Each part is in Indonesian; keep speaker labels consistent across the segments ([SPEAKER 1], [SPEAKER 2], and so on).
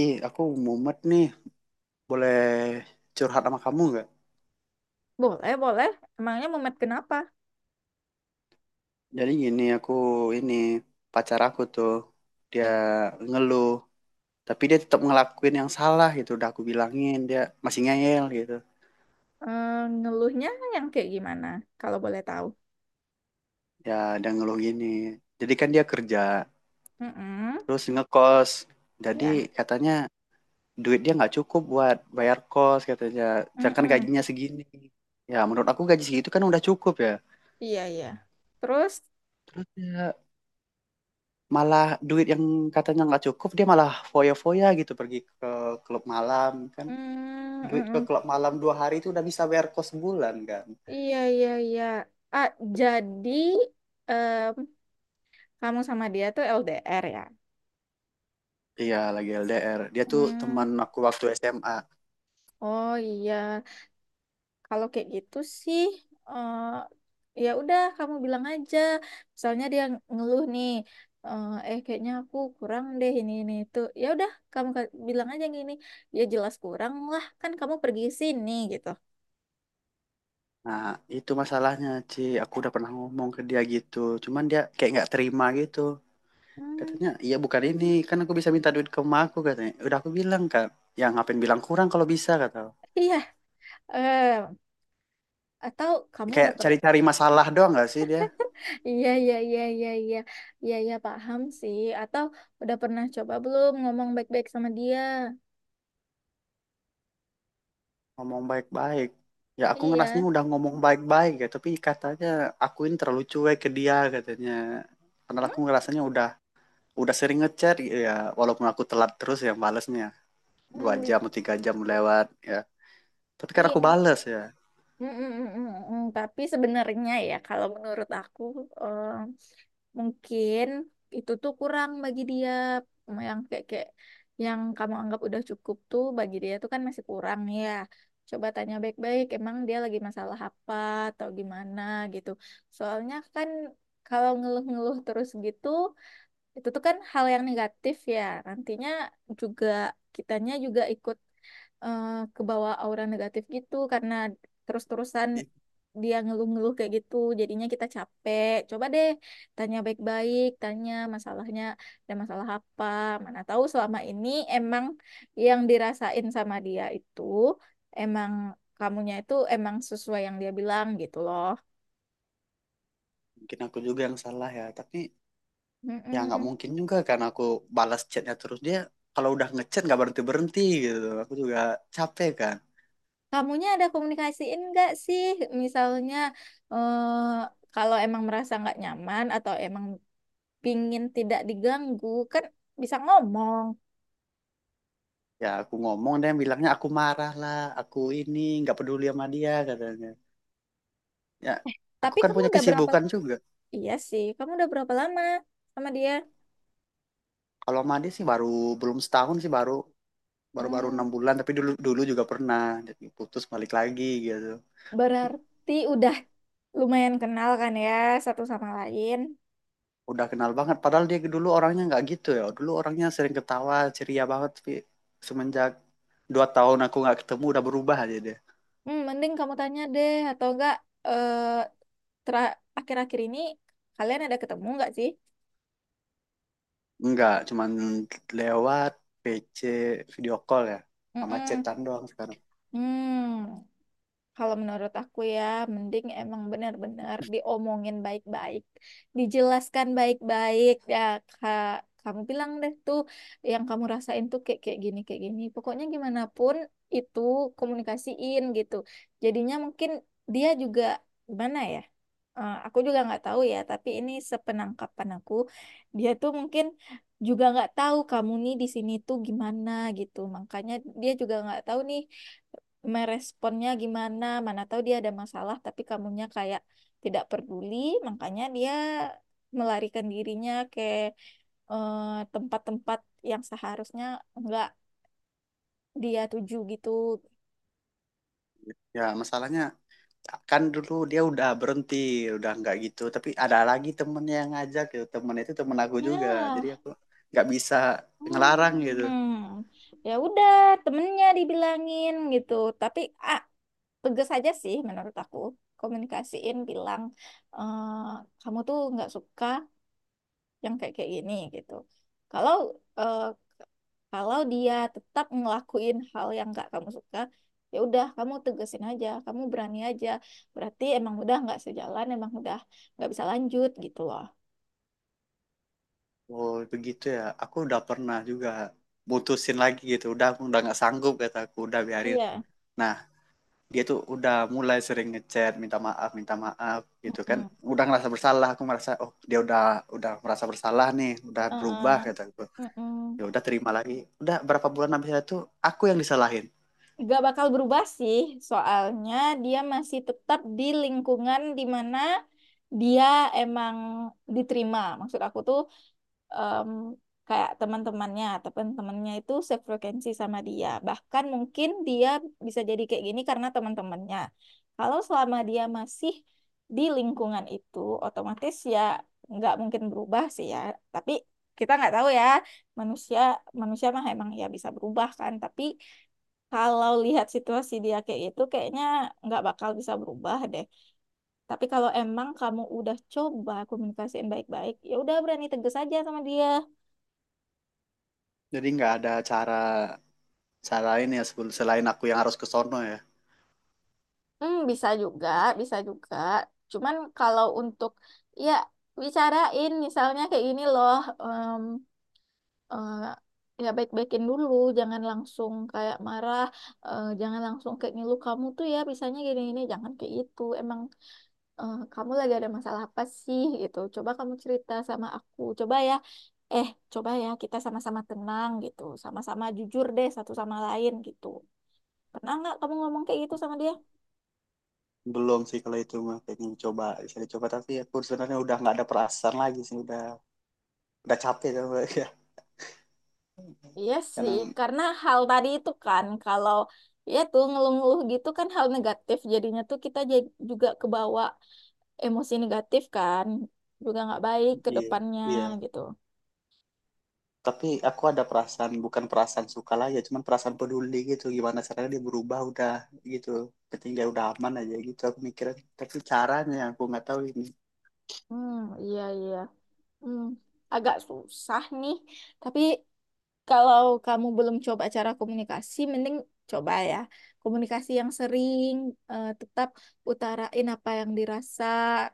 [SPEAKER 1] Ih, aku mumet nih. Boleh curhat sama kamu nggak?
[SPEAKER 2] Boleh, boleh. Emangnya mumet kenapa?
[SPEAKER 1] Jadi gini, aku ini pacar aku tuh dia ngeluh, tapi dia tetap ngelakuin yang salah gitu. Udah aku bilangin dia masih ngeyel gitu.
[SPEAKER 2] Eh, Ngeluhnya yang kayak gimana? Kalau boleh tahu.
[SPEAKER 1] Ya, dia ngeluh gini. Jadi kan dia kerja,
[SPEAKER 2] Mm-mm.
[SPEAKER 1] terus ngekos. Jadi
[SPEAKER 2] Ya.
[SPEAKER 1] katanya duit dia nggak cukup buat bayar kos katanya. Jangan
[SPEAKER 2] Mm-mm.
[SPEAKER 1] gajinya segini. Ya, menurut aku gaji segitu kan udah cukup ya.
[SPEAKER 2] Iya, iya. Terus,
[SPEAKER 1] Terus ya malah duit yang katanya nggak cukup dia malah foya-foya gitu pergi ke klub malam kan,
[SPEAKER 2] mm,
[SPEAKER 1] duit ke
[SPEAKER 2] mm-mm.
[SPEAKER 1] klub malam dua hari itu udah bisa bayar kos sebulan kan.
[SPEAKER 2] Iya, iya, iya. Ah, jadi em, kamu sama dia tuh LDR ya?
[SPEAKER 1] Iya, lagi LDR, dia tuh
[SPEAKER 2] Hmm.
[SPEAKER 1] teman aku waktu SMA.
[SPEAKER 2] Oh iya. Kalau kayak gitu sih, eh ya udah kamu bilang aja. Misalnya dia ngeluh nih, "Eh, kayaknya aku kurang deh ini itu. Ya udah kamu bilang aja gini, ya jelas kurang lah kan kamu pergi sini gitu.
[SPEAKER 1] Nah itu masalahnya, Ci, aku udah pernah ngomong ke dia gitu, cuman dia kayak nggak terima gitu.
[SPEAKER 2] Hmm,
[SPEAKER 1] Katanya iya bukan, ini kan aku bisa minta duit ke emak aku katanya. Udah aku bilang kan, yang ngapain bilang kurang kalau bisa kata,
[SPEAKER 2] iya, eh atau kamu
[SPEAKER 1] kayak
[SPEAKER 2] udah pernah?
[SPEAKER 1] cari-cari masalah doang gak sih dia.
[SPEAKER 2] Iya iya iya iya iya iya iya paham sih. Atau udah pernah coba belum ngomong baik-baik sama dia?
[SPEAKER 1] Ngomong baik-baik, ya aku ngerasnya
[SPEAKER 2] Iya,
[SPEAKER 1] udah ngomong baik-baik ya, tapi katanya aku ini terlalu cuek ke dia katanya, karena
[SPEAKER 2] hmm?
[SPEAKER 1] aku ngerasanya udah sering ngechat gitu ya. Walaupun aku telat terus yang balesnya dua
[SPEAKER 2] Hmm,
[SPEAKER 1] jam atau tiga jam lewat, ya tapi kan aku
[SPEAKER 2] iya.
[SPEAKER 1] bales ya.
[SPEAKER 2] Mm, mm, mm, mm, mm. Tapi sebenarnya ya kalau menurut aku eh, mungkin itu tuh kurang bagi dia yang kayak kayak yang kamu anggap udah cukup tuh bagi dia tuh kan masih kurang ya. Coba tanya baik-baik emang dia lagi masalah apa atau gimana gitu. Soalnya kan kalau ngeluh-ngeluh terus gitu itu tuh kan hal yang negatif ya. Nantinya juga kitanya juga ikut eh kebawa aura negatif gitu karena terus-terusan
[SPEAKER 1] Ih,
[SPEAKER 2] dia ngeluh-ngeluh kayak gitu jadinya kita capek. Coba deh tanya baik-baik, tanya masalahnya, ada masalah apa, mana tahu selama ini emang yang dirasain sama dia itu emang kamunya itu emang sesuai yang dia bilang gitu loh.
[SPEAKER 1] mungkin aku juga yang salah ya, tapi ya nggak
[SPEAKER 2] Mm-mm.
[SPEAKER 1] mungkin juga karena aku balas chatnya terus dia, kalau udah ngechat nggak berhenti berhenti gitu aku juga capek kan.
[SPEAKER 2] Kamunya ada komunikasiin nggak sih? Misalnya, eh, kalau emang merasa nggak nyaman atau emang pingin tidak diganggu kan bisa ngomong.
[SPEAKER 1] Ya aku ngomong dia bilangnya aku marah lah, aku ini nggak peduli sama dia katanya. Ya aku
[SPEAKER 2] Tapi
[SPEAKER 1] kan
[SPEAKER 2] kamu
[SPEAKER 1] punya
[SPEAKER 2] udah berapa,
[SPEAKER 1] kesibukan juga.
[SPEAKER 2] iya sih, kamu udah berapa lama sama dia?
[SPEAKER 1] Kalau mandi sih baru, belum setahun sih baru baru baru
[SPEAKER 2] Hmm,
[SPEAKER 1] enam bulan, tapi dulu dulu juga pernah jadi putus balik lagi gitu.
[SPEAKER 2] berarti udah lumayan kenal kan ya, satu sama lain.
[SPEAKER 1] Udah kenal banget, padahal dia dulu orangnya nggak gitu ya, dulu orangnya sering ketawa ceria banget, tapi semenjak dua tahun aku nggak ketemu udah berubah aja dia.
[SPEAKER 2] Hmm, mending kamu tanya deh atau enggak. eh Akhir-akhir ini kalian ada ketemu nggak sih?
[SPEAKER 1] Enggak, cuman lewat PC, video call ya, sama
[SPEAKER 2] Mm-mm.
[SPEAKER 1] chatan doang sekarang.
[SPEAKER 2] Hmm. Kalau menurut aku ya, mending emang benar-benar diomongin baik-baik, dijelaskan baik-baik ya Kak. Kamu bilang deh tuh yang kamu rasain tuh kayak kayak gini kayak gini. Pokoknya gimana pun itu komunikasiin gitu. Jadinya mungkin dia juga, gimana ya? Eh, aku juga nggak tahu ya, tapi ini sepenangkapan aku, dia tuh mungkin juga nggak tahu kamu nih di sini tuh gimana gitu. Makanya dia juga nggak tahu nih meresponnya gimana, mana tahu dia ada masalah tapi kamunya kayak tidak peduli, makanya dia melarikan dirinya ke eh, tempat-tempat yang seharusnya enggak dia tuju gitu.
[SPEAKER 1] Ya masalahnya kan dulu dia udah berhenti, udah nggak gitu, tapi ada lagi temen yang ngajak gitu, temen itu temen aku juga, jadi
[SPEAKER 2] Ya.
[SPEAKER 1] aku nggak bisa ngelarang gitu.
[SPEAKER 2] Hmm, ya udah temennya dibilangin gitu, tapi ah tegas aja sih menurut aku. Komunikasiin, bilang, eh, kamu tuh nggak suka yang kayak kayak gini gitu. kalau eh, Kalau dia tetap ngelakuin hal yang nggak kamu suka, ya udah kamu tegesin aja, kamu berani aja. Berarti emang udah nggak sejalan, emang udah nggak bisa lanjut gitu loh.
[SPEAKER 1] Oh begitu ya, aku udah pernah juga mutusin lagi gitu, udah aku udah nggak sanggup kata aku, udah biarin.
[SPEAKER 2] Iya.
[SPEAKER 1] Nah dia tuh udah mulai sering ngechat minta maaf gitu kan,
[SPEAKER 2] Mm-mm.
[SPEAKER 1] udah ngerasa bersalah. Aku merasa oh dia udah merasa bersalah nih, udah berubah
[SPEAKER 2] Uh-uh.
[SPEAKER 1] kata aku, ya
[SPEAKER 2] Mm-mm.
[SPEAKER 1] udah terima lagi. Udah berapa bulan habis itu aku yang disalahin.
[SPEAKER 2] Nggak bakal berubah sih, soalnya dia masih tetap di lingkungan di mana dia emang diterima. Maksud aku tuh em, kayak teman-temannya, teman-temannya itu sefrekuensi sama dia. Bahkan mungkin dia bisa jadi kayak gini karena teman-temannya. Kalau selama dia masih di lingkungan itu, otomatis ya nggak mungkin berubah sih ya. Tapi kita nggak tahu ya, manusia, manusia mah emang ya bisa berubah kan. Tapi kalau lihat situasi dia kayak gitu, kayaknya nggak bakal bisa berubah deh. Tapi kalau emang kamu udah coba komunikasiin baik-baik, ya udah berani tegas aja sama dia.
[SPEAKER 1] Jadi nggak ada cara selain ya sebelum selain aku yang harus ke sono ya.
[SPEAKER 2] Hmm, bisa juga, bisa juga. Cuman kalau untuk ya bicarain misalnya kayak gini loh, em, eh, ya baik-baikin dulu, jangan langsung kayak marah, jangan langsung kayak ngilu kamu tuh ya bisanya gini-gini, jangan kayak gitu. Emang kamu lagi ada masalah apa sih gitu? Coba kamu cerita sama aku, coba ya. Eh, coba ya kita sama-sama tenang gitu, sama-sama jujur deh satu sama lain gitu. Pernah nggak kamu ngomong kayak gitu sama dia?
[SPEAKER 1] Belum sih kalau itu mah, pengen coba, bisa dicoba, tapi aku sebenarnya udah nggak ada perasaan lagi sih, udah capek sama ya.
[SPEAKER 2] Iya sih,
[SPEAKER 1] Karena
[SPEAKER 2] karena hal tadi itu kan, kalau ya tuh ngeluh-ngeluh gitu kan hal negatif, jadinya tuh kita jadi juga kebawa emosi negatif kan, juga nggak baik ke
[SPEAKER 1] iya
[SPEAKER 2] depannya
[SPEAKER 1] iya,
[SPEAKER 2] gitu.
[SPEAKER 1] tapi aku ada perasaan, bukan perasaan suka lah ya, cuman perasaan peduli gitu, gimana caranya dia berubah udah gitu, penting dia udah aman aja gitu aku mikirnya, tapi caranya yang aku nggak tahu ini.
[SPEAKER 2] Hmm, iya iya. Hmm, agak susah nih, tapi kalau kamu belum coba cara komunikasi, mending coba ya. Komunikasi yang sering, tetap utarain apa yang dirasa,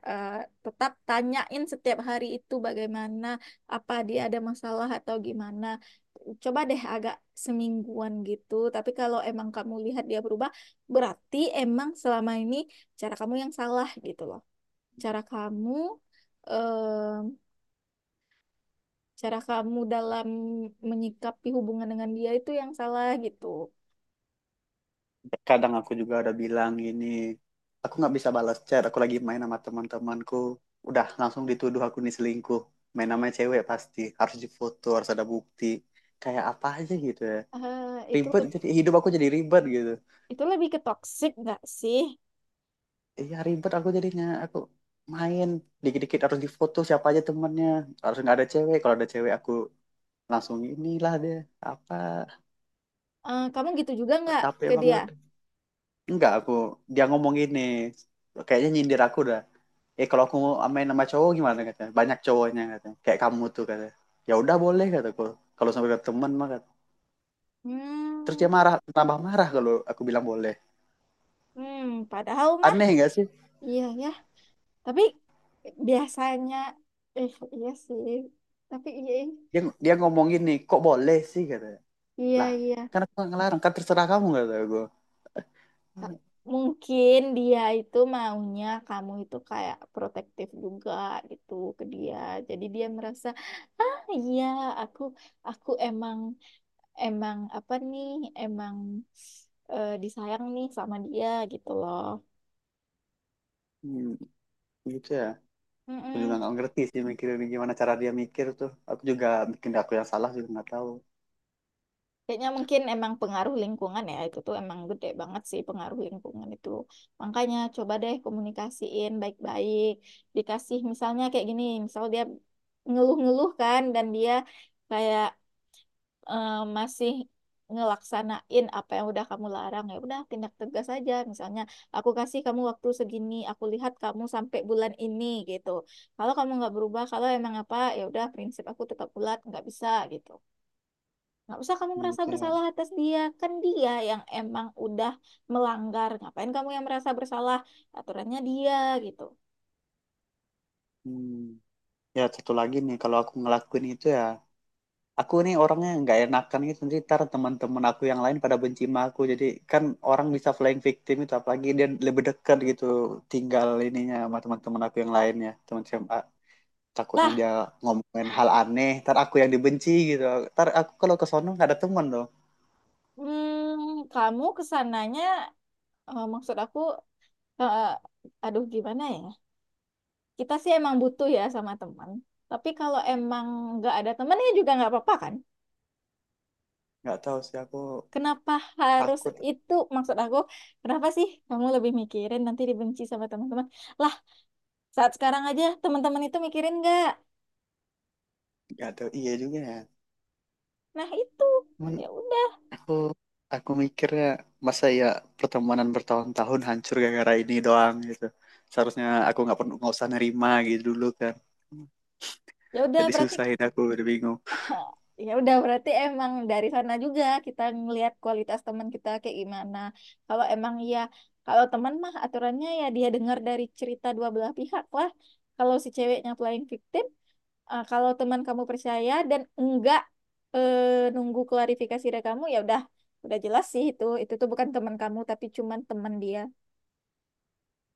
[SPEAKER 2] eh, tetap tanyain setiap hari itu bagaimana, apa dia ada masalah atau gimana. Coba deh agak semingguan gitu. Tapi kalau emang kamu lihat dia berubah, berarti emang selama ini cara kamu yang salah gitu loh. Cara kamu, eh, cara kamu dalam menyikapi hubungan dengan dia itu yang salah gitu.
[SPEAKER 1] Kadang aku juga ada bilang gini, aku nggak bisa balas chat, aku lagi main sama teman-temanku, udah langsung dituduh aku nih selingkuh, main sama cewek, pasti harus difoto, harus ada bukti, kayak apa aja gitu ya.
[SPEAKER 2] Eh, itu
[SPEAKER 1] Ribet jadi hidup aku jadi ribet gitu.
[SPEAKER 2] itu lebih ke toxic nggak sih?
[SPEAKER 1] Iya ribet, aku jadinya aku main dikit-dikit harus difoto siapa aja temennya, harus nggak ada cewek, kalau ada cewek aku langsung inilah dia apa.
[SPEAKER 2] Eh, kamu gitu juga nggak
[SPEAKER 1] Capek
[SPEAKER 2] ke dia?
[SPEAKER 1] banget. Enggak, aku, dia ngomong gini, kayaknya nyindir aku dah. Eh kalau aku mau main sama cowok gimana katanya? Banyak cowoknya katanya. Kayak kamu tuh katanya. Ya udah boleh kataku. Kalau sampai ke teman mah kata. Terus
[SPEAKER 2] Hmm,
[SPEAKER 1] dia marah, tambah marah kalau aku bilang boleh.
[SPEAKER 2] hmm, padahal mah
[SPEAKER 1] Aneh enggak sih?
[SPEAKER 2] iya ya. Tapi biasanya eh iya sih. Tapi iya
[SPEAKER 1] Dia dia ngomong gini, kok boleh sih katanya.
[SPEAKER 2] iya
[SPEAKER 1] Lah,
[SPEAKER 2] iya.
[SPEAKER 1] kan aku nggak ngelarang, kan terserah kamu kata gue.
[SPEAKER 2] Ta- Mungkin dia itu maunya kamu itu kayak protektif juga gitu ke dia. Jadi dia merasa, ah iya aku aku emang, emang apa nih, emang disayang nih sama dia gitu loh.
[SPEAKER 1] Hmm, gitu ya. Aku juga
[SPEAKER 2] Mm-mm.
[SPEAKER 1] nggak ngerti sih mikirin gimana cara dia mikir tuh. Aku juga bikin aku yang salah juga nggak tahu.
[SPEAKER 2] Kayaknya mungkin emang pengaruh lingkungan ya, itu tuh emang gede banget sih pengaruh lingkungan itu. Makanya coba deh komunikasiin baik-baik. Dikasih misalnya kayak gini, misal dia ngeluh-ngeluh kan dan dia kayak eh, masih ngelaksanain apa yang udah kamu larang, ya udah tindak tegas aja. Misalnya, aku kasih kamu waktu segini, aku lihat kamu sampai bulan ini gitu, kalau kamu nggak berubah, kalau emang apa, ya udah prinsip aku tetap bulat nggak bisa gitu. Nggak usah kamu merasa
[SPEAKER 1] Gitu ya.
[SPEAKER 2] bersalah atas dia, kan dia yang emang udah melanggar, ngapain kamu yang merasa bersalah, aturannya dia gitu.
[SPEAKER 1] Hmm. Ya satu lagi nih, kalau aku ngelakuin itu ya, aku nih orangnya nggak enakan gitu, nanti ntar teman-teman aku yang lain pada benci sama aku jadi kan, orang bisa flying victim itu, apalagi dia lebih dekat gitu, tinggal ininya sama teman-teman aku yang lainnya, teman SMA, takutnya dia
[SPEAKER 2] Lah,
[SPEAKER 1] ngomongin hal aneh, ntar aku yang dibenci gitu, ntar aku kalau ke sono nggak ada teman loh.
[SPEAKER 2] hmm, kamu kesananya, maksud aku, eh, aduh gimana ya, kita sih emang butuh ya sama teman. Tapi kalau emang nggak ada temennya juga nggak apa-apa kan?
[SPEAKER 1] Nggak tahu sih aku
[SPEAKER 2] Kenapa harus
[SPEAKER 1] takut.
[SPEAKER 2] itu? Maksud aku, kenapa sih kamu lebih mikirin nanti dibenci sama teman-teman? Lah, saat sekarang aja teman-teman itu mikirin nggak?
[SPEAKER 1] Nggak tahu, iya juga ya,
[SPEAKER 2] Nah itu,
[SPEAKER 1] cuman
[SPEAKER 2] ya udah,
[SPEAKER 1] aku aku mikirnya masa ya pertemanan bertahun-tahun hancur gara-gara ini doang gitu, seharusnya aku nggak perlu, nggak usah nerima gitu dulu kan,
[SPEAKER 2] ya udah
[SPEAKER 1] jadi
[SPEAKER 2] berarti,
[SPEAKER 1] susahin aku udah bingung.
[SPEAKER 2] oh, ya udah berarti emang dari sana juga kita ngelihat kualitas teman kita kayak gimana. Kalau emang ya, kalau teman mah aturannya ya dia dengar dari cerita dua belah pihak lah. Kalau si ceweknya playing victim, kalau teman kamu percaya dan enggak nunggu klarifikasi dari kamu, ya udah jelas sih itu tuh bukan teman kamu tapi cuman teman dia.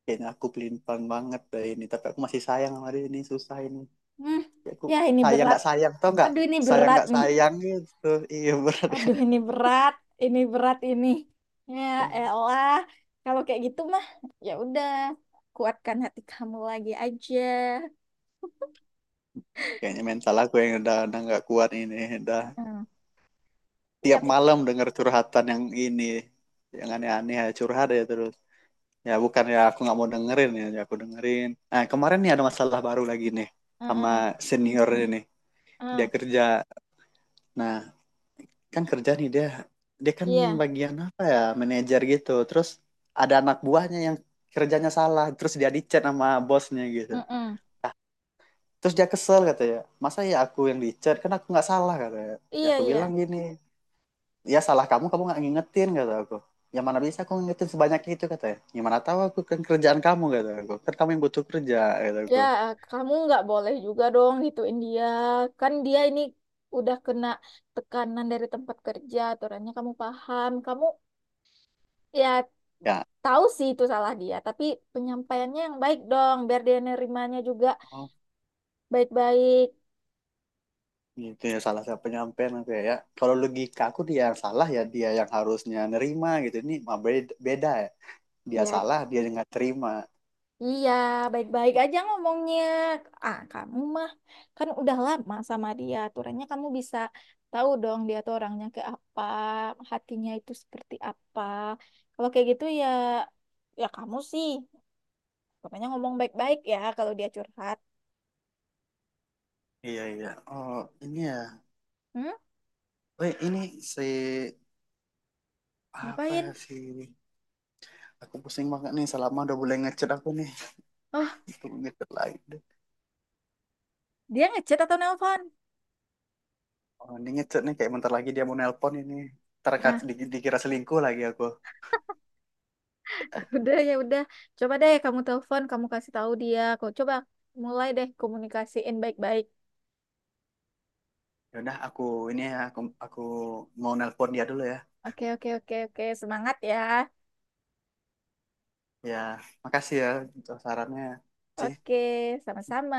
[SPEAKER 1] Kayaknya aku pelintang banget dah ini, tapi aku masih sayang sama dia, ini susah ini.
[SPEAKER 2] Hmm,
[SPEAKER 1] Ya, aku
[SPEAKER 2] ya ini
[SPEAKER 1] sayang
[SPEAKER 2] berat.
[SPEAKER 1] nggak sayang tau nggak,
[SPEAKER 2] Aduh ini
[SPEAKER 1] sayang
[SPEAKER 2] berat
[SPEAKER 1] nggak
[SPEAKER 2] nih.
[SPEAKER 1] sayang gitu. Iya berat ya.
[SPEAKER 2] Aduh, ini berat, ini berat ini. Ya elah, kalau kayak gitu mah ya udah, kuatkan hati kamu lagi aja.
[SPEAKER 1] Kayaknya mental aku yang udah nggak kuat ini, udah
[SPEAKER 2] Heeh. Iya,
[SPEAKER 1] tiap
[SPEAKER 2] pikir.
[SPEAKER 1] malam denger curhatan yang ini, yang aneh-aneh ya, curhat ya terus, ya bukan ya aku nggak mau dengerin ya, ya aku dengerin. Nah kemarin nih ada masalah baru lagi nih sama
[SPEAKER 2] Heeh.
[SPEAKER 1] senior ini. Dia
[SPEAKER 2] Heeh.
[SPEAKER 1] kerja, nah kan kerja nih dia, dia kan
[SPEAKER 2] Iya.
[SPEAKER 1] bagian apa ya, manajer gitu, terus ada anak buahnya yang kerjanya salah, terus dia dicat sama bosnya gitu.
[SPEAKER 2] Heeh.
[SPEAKER 1] Nah terus dia kesel katanya, masa ya aku yang dicat, kan aku nggak salah katanya. Ya
[SPEAKER 2] Iya,
[SPEAKER 1] aku bilang
[SPEAKER 2] iya.
[SPEAKER 1] gini, ya salah kamu, kamu nggak ngingetin kata aku, yang mana bisa aku ngingetin sebanyak itu katanya, gimana tahu aku, kan kerjaan kamu kata aku, kan kamu yang butuh kerja kata
[SPEAKER 2] Ya,
[SPEAKER 1] aku.
[SPEAKER 2] kamu nggak boleh juga dong gituin dia. Kan dia ini udah kena tekanan dari tempat kerja, aturannya kamu paham. Kamu ya
[SPEAKER 1] Ya,
[SPEAKER 2] tahu sih itu salah dia, tapi penyampaiannya yang baik dong, biar dia nerimanya juga
[SPEAKER 1] oh,
[SPEAKER 2] baik-baik.
[SPEAKER 1] gitu ya, salah siapa, penyampaian aku ya. Ya, kalau logika aku dia yang salah ya, dia yang harusnya nerima gitu. Ini mah beda, beda ya. Dia
[SPEAKER 2] Ya,
[SPEAKER 1] salah, dia yang nggak terima.
[SPEAKER 2] iya, baik-baik aja ngomongnya. Ah, kamu mah kan udah lama sama dia. Aturannya kamu bisa tahu dong dia tuh orangnya kayak apa, hatinya itu seperti apa. Kalau kayak gitu ya, ya kamu sih. Pokoknya ngomong baik-baik ya kalau dia curhat.
[SPEAKER 1] Iya iya. Oh ini ya.
[SPEAKER 2] Hmm?
[SPEAKER 1] Weh ini si apa
[SPEAKER 2] Ngapain?
[SPEAKER 1] ya si, aku pusing banget nih, selama udah boleh ngechat aku nih.
[SPEAKER 2] Oh,
[SPEAKER 1] Tunggu ngechat lagi deh.
[SPEAKER 2] dia ngechat atau nelpon?
[SPEAKER 1] Oh ini ngechat nih, kayak bentar lagi dia mau nelpon ini. Terkat
[SPEAKER 2] Nah,
[SPEAKER 1] dikira selingkuh lagi aku.
[SPEAKER 2] udah ya udah. Coba deh kamu telepon, kamu kasih tahu dia. Kok coba mulai deh komunikasiin baik-baik.
[SPEAKER 1] Ya udah aku, ini ya aku mau nelpon dia dulu ya.
[SPEAKER 2] Oke, oke, oke, oke. Semangat ya.
[SPEAKER 1] Ya makasih ya untuk sarannya. Ci.
[SPEAKER 2] Oke, sama-sama.